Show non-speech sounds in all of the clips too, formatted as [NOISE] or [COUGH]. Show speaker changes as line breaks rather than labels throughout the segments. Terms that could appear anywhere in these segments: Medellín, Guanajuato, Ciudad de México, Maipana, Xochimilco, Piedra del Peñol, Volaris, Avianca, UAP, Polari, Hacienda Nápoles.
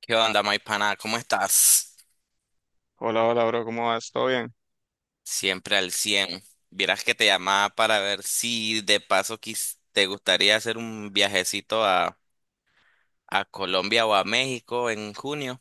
¿Qué onda, Maipana? ¿Cómo estás?
Hola, hola, bro, ¿cómo vas? ¿Todo bien?
Siempre al 100. Vieras que te llamaba para ver si de paso te gustaría hacer un viajecito a Colombia o a México en junio.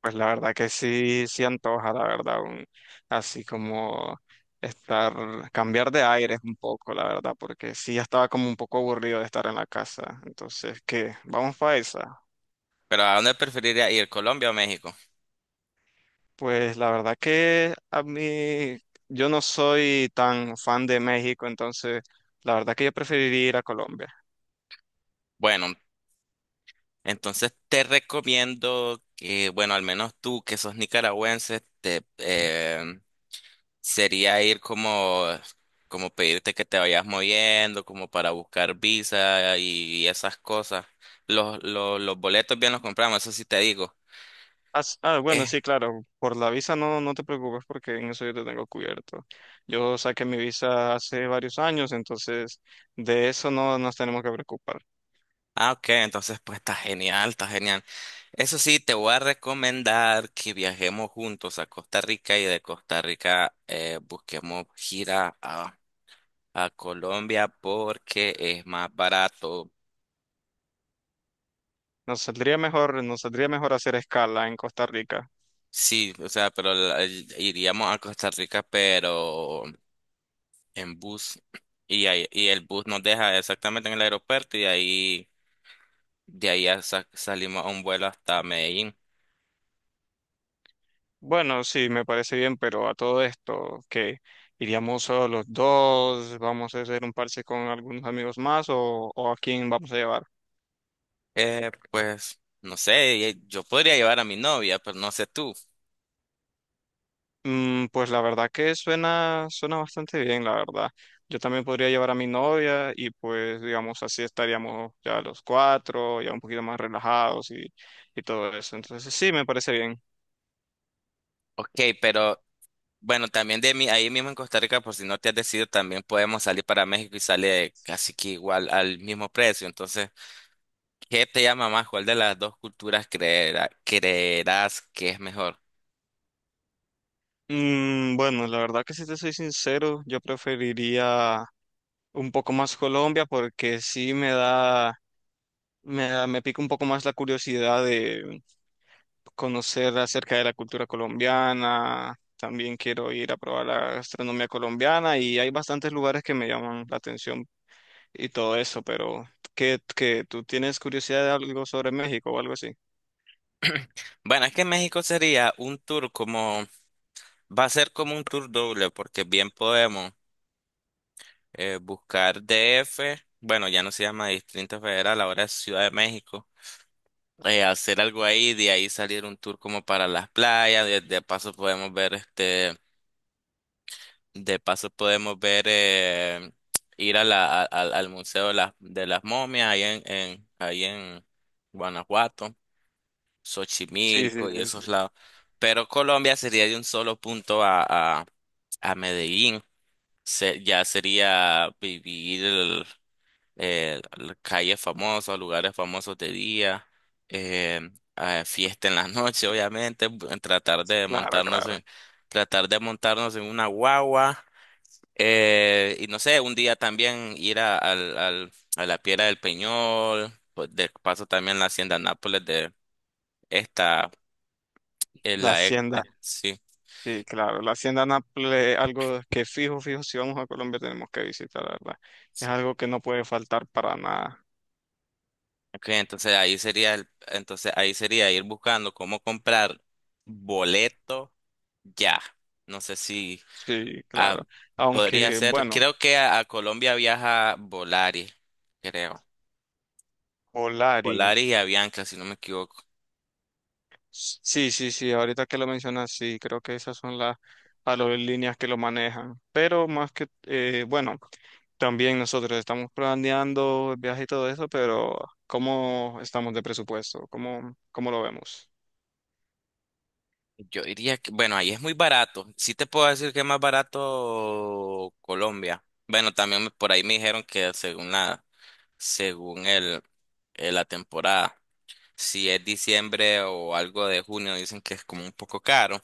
Pues la verdad que sí, sí antoja, la verdad, así como estar, cambiar de aires un poco, la verdad, porque sí ya estaba como un poco aburrido de estar en la casa. Entonces, ¿qué? ¿Vamos para esa?
Pero ¿a dónde preferirías ir, Colombia o México?
Pues la verdad que a mí, yo no soy tan fan de México, entonces la verdad que yo preferiría ir a Colombia.
Bueno, entonces te recomiendo que, bueno, al menos tú que sos nicaragüense, te, sería ir como, como pedirte que te vayas moviendo, como para buscar visa y esas cosas. Los boletos bien los compramos, eso sí te digo.
Ah, bueno,
Eh,
sí, claro. Por la visa no te preocupes porque en eso yo te tengo cubierto. Yo saqué mi visa hace varios años, entonces de eso no nos tenemos que preocupar.
ok, entonces pues está genial, está genial. Eso sí, te voy a recomendar que viajemos juntos a Costa Rica y de Costa Rica busquemos gira a Colombia porque es más barato.
Nos saldría mejor hacer escala en Costa Rica.
Sí, o sea, iríamos a Costa Rica, pero en bus y, y el bus nos deja exactamente en el aeropuerto y de ahí ya salimos a un vuelo hasta Medellín.
Bueno, sí, me parece bien, pero a todo esto, que iríamos solo los dos, vamos a hacer un parche con algunos amigos más o a quién vamos a llevar.
Pues no sé, yo podría llevar a mi novia, pero no sé tú.
Mm, pues la verdad que suena, suena bastante bien, la verdad. Yo también podría llevar a mi novia y pues digamos así estaríamos ya los cuatro, ya un poquito más relajados y todo eso. Entonces sí, me parece bien.
Ok, pero bueno, también de mí, ahí mismo en Costa Rica, por si no te has decidido, también podemos salir para México y sale casi que igual al mismo precio. Entonces, ¿qué te llama más? ¿Cuál de las dos culturas creerás que es mejor?
Mm, bueno, la verdad que si te soy sincero, yo preferiría un poco más Colombia porque sí me da, me pica un poco más la curiosidad conocer acerca de la cultura colombiana, también quiero ir a probar la gastronomía colombiana y hay bastantes lugares que me llaman la atención y todo eso, pero ¿qué, tú tienes curiosidad de algo sobre México o algo así?
[CLEARS THROAT] Bueno, es que México sería un tour como, va a ser como un tour doble, porque bien podemos buscar DF, bueno, ya no se llama Distrito Federal, ahora es Ciudad de México, hacer algo ahí, de ahí salir un tour como para las playas, de paso podemos ver este, de paso podemos ver ir a la, a- al al Museo de de las Momias ahí ahí en Guanajuato,
Sí, sí,
Xochimilco y
sí, sí,
esos lados. Pero Colombia sería de un solo punto a, a Medellín. Ya sería vivir la calles famosas, lugares famosos de día, eh, fiesta en la noche, obviamente, tratar
sí,
de
claro,
montarnos
claro.
tratar de montarnos en una guagua, y no sé, un día también ir a, a la Piedra del Peñol, pues, de paso también la Hacienda Nápoles de esta,
La
la ex,
hacienda,
sí.
sí, claro, la hacienda Nápoles, es algo que fijo, fijo, si vamos a Colombia tenemos que visitar, la verdad. Es algo que no puede faltar para nada.
Ok, entonces entonces ahí sería ir buscando cómo comprar boleto ya. No sé si
Sí, claro.
ah, podría
Aunque,
ser,
bueno,
creo que a Colombia viaja Volaris, creo.
Polari.
Volaris y Avianca, si no me equivoco.
Sí, sí, sí, ahorita que lo mencionas, sí, creo que esas son las aerolíneas que lo manejan. Pero más que, bueno, también nosotros estamos planeando el viaje y todo eso, pero ¿cómo estamos de presupuesto? ¿Cómo, cómo lo vemos?
Yo diría que, bueno, ahí es muy barato. Sí te puedo decir que es más barato Colombia. Bueno, también por ahí me dijeron que según la, según el, la temporada. Si es diciembre o algo de junio, dicen que es como un poco caro.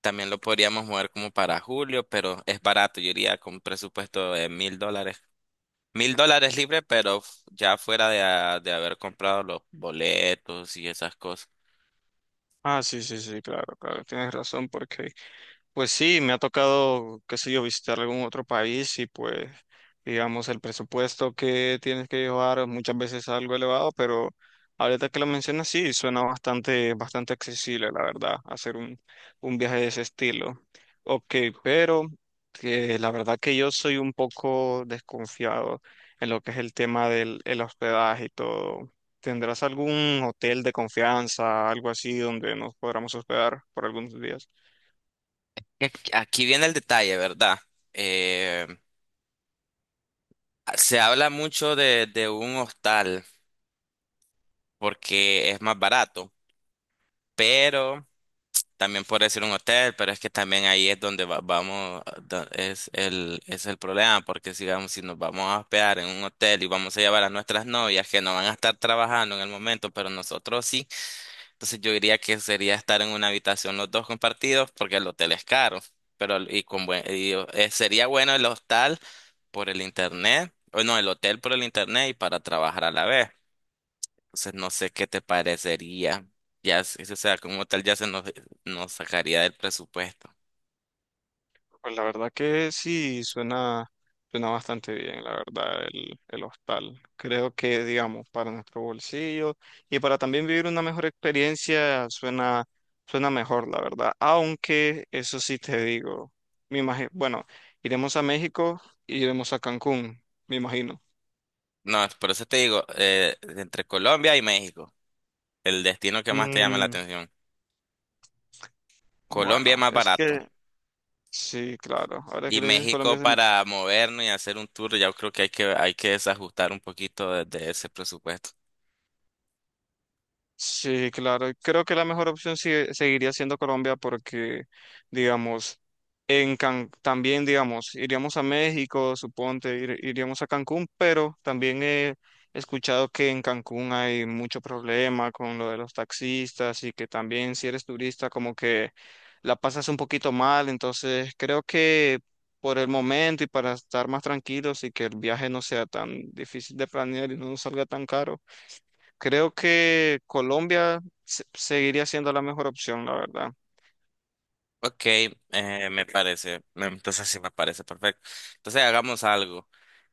También lo podríamos mover como para julio, pero es barato. Yo iría con un presupuesto de $1,000. Mil dólares libre, pero ya fuera de, de haber comprado los boletos y esas cosas.
Ah, sí, sí, sí, claro, claro, tienes razón, porque pues sí, me ha tocado, qué sé yo, visitar algún otro país y pues, digamos, el presupuesto que tienes que llevar muchas veces es algo elevado, pero ahorita que lo mencionas, sí, suena bastante, bastante accesible, la verdad, hacer un viaje de ese estilo. Ok, pero que la verdad que yo soy un poco desconfiado en lo que es el tema del el hospedaje y todo. ¿Tendrás algún hotel de confianza, algo así, donde nos podamos hospedar por algunos días?
Aquí viene el detalle, ¿verdad? Eh, se habla mucho de un hostal porque es más barato, pero también puede ser un hotel, pero es que también ahí es donde vamos, es es el problema, porque digamos, si nos vamos a hospedar en un hotel y vamos a llevar a nuestras novias que no van a estar trabajando en el momento, pero nosotros sí, entonces yo diría que sería estar en una habitación los dos compartidos, porque el hotel es caro, pero sería bueno el hostal por el internet, o no, el hotel por el internet y para trabajar a la vez. Entonces no sé qué te parecería. Ya, o sea, como tal ya nos sacaría del presupuesto.
Pues la verdad que sí, suena, suena bastante bien, la verdad, el hostal. Creo que, digamos, para nuestro bolsillo y para también vivir una mejor experiencia, suena, suena mejor, la verdad. Aunque, eso sí te digo, me imagino, bueno, iremos a México y iremos a Cancún, me imagino.
No, es por eso te digo, entre Colombia y México, el destino que más te llama la
Mm,
atención. Colombia es
bueno,
más
es
barato.
que sí, claro. Ahora
Y
que le dices Colombia,
México para movernos y hacer un tour, ya creo que hay que desajustar un poquito de ese presupuesto.
sí, claro. Creo que la mejor opción seguiría siendo Colombia porque, digamos, en también, digamos, iríamos a México, suponte, iríamos a Cancún, pero también he escuchado que en Cancún hay mucho problema con lo de los taxistas y que también si eres turista como que la pasas un poquito mal. Entonces, creo que por el momento y para estar más tranquilos y que el viaje no sea tan difícil de planear y no nos salga tan caro. Creo que Colombia seguiría siendo la mejor opción, la verdad.
Ok, entonces sí me parece perfecto. Entonces hagamos algo.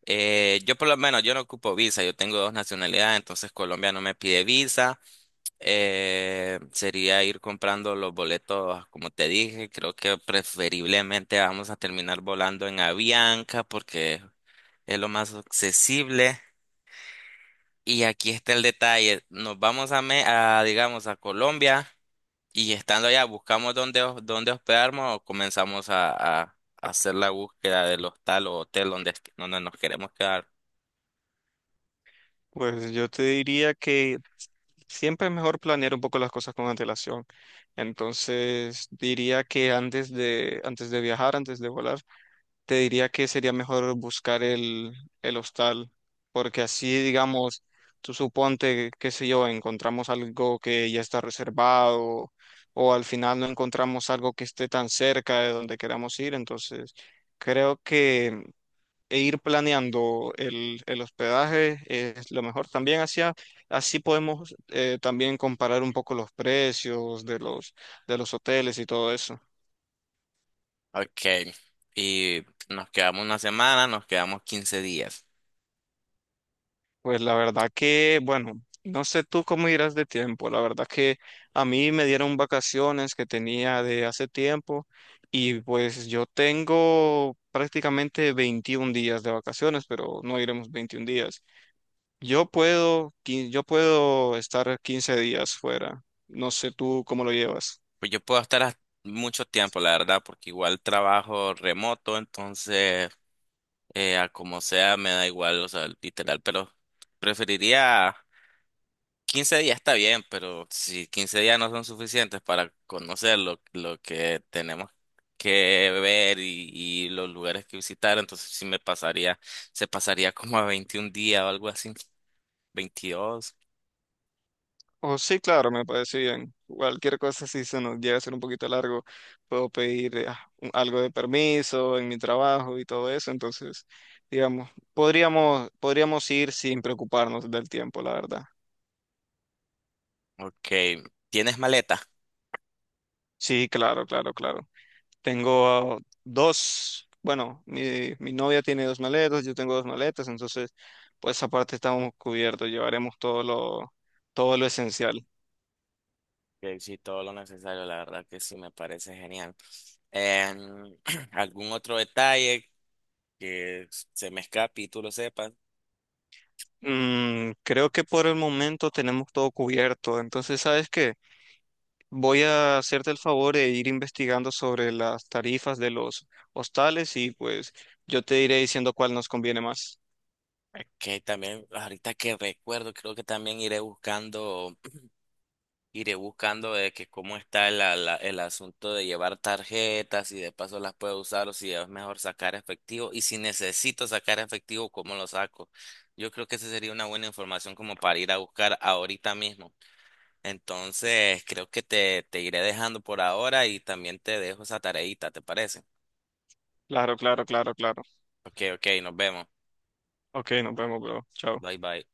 Yo por lo menos, yo no ocupo visa, yo tengo dos nacionalidades, entonces Colombia no me pide visa. Sería ir comprando los boletos, como te dije, creo que preferiblemente vamos a terminar volando en Avianca porque es lo más accesible. Y aquí está el detalle, nos vamos a, Me- a, digamos, a Colombia y estando allá buscamos dónde hospedarnos o comenzamos a, a- a hacer la búsqueda del hostal o hotel donde nos queremos quedar.
Pues yo te diría que siempre es mejor planear un poco las cosas con antelación. Entonces diría que antes de viajar, antes de volar, te diría que sería mejor buscar el hostal, porque así, digamos, tú suponte, qué sé yo, encontramos algo que ya está reservado o al final no encontramos algo que esté tan cerca de donde queramos ir, entonces creo que e ir planeando el hospedaje es lo mejor. También hacia, así podemos también comparar un poco los precios de de los hoteles y todo eso.
Ok, y nos quedamos una semana, nos quedamos 15 días.
Pues la verdad que, bueno, no sé tú cómo irás de tiempo. La verdad que a mí me dieron vacaciones que tenía de hace tiempo y pues yo tengo prácticamente 21 días de vacaciones, pero no iremos 21 días. Yo puedo, yo puedo estar 15 días fuera. No sé tú cómo lo llevas.
Pues yo puedo estar hasta mucho tiempo, la verdad, porque igual trabajo remoto, entonces a como sea me da igual, o sea, literal, pero preferiría 15 días está bien, pero si 15 días no son suficientes para conocer lo que tenemos que ver y los lugares que visitar, entonces sí se pasaría como a 21 días o algo así, 22.
Oh, sí, claro, me parece bien. Cualquier cosa, si se nos llega a ser un poquito largo, puedo pedir algo de permiso en mi trabajo y todo eso. Entonces, digamos, podríamos, podríamos ir sin preocuparnos del tiempo, la verdad.
Ok, ¿tienes maleta?
Sí, claro, claro, claro. Tengo ah, dos, bueno, mi novia tiene dos maletas, yo tengo dos maletas, entonces, pues aparte estamos cubiertos, llevaremos todo lo esencial.
Que sí, todo lo necesario, la verdad que sí me parece genial. Em, [CLEARS THROAT] algún otro detalle que se me escape y tú lo sepas,
Mm, creo que por el momento tenemos todo cubierto. Entonces, ¿sabes qué? Voy a hacerte el favor de ir investigando sobre las tarifas de los hostales y pues yo te iré diciendo cuál nos conviene más.
que también ahorita que recuerdo, creo que también iré buscando, [CLEARS THROAT] iré buscando de que cómo está el asunto de llevar tarjetas y de paso las puedo usar o si es mejor sacar efectivo y si necesito sacar efectivo, ¿cómo lo saco? Yo creo que esa sería una buena información como para ir a buscar ahorita mismo. Entonces, creo que te iré dejando por ahora y también te dejo esa tareita, ¿te parece?
Claro, claro, claro, claro.
Ok, ok, nos vemos.
Ok, nos vemos, bro. Chao.
Bye, bye.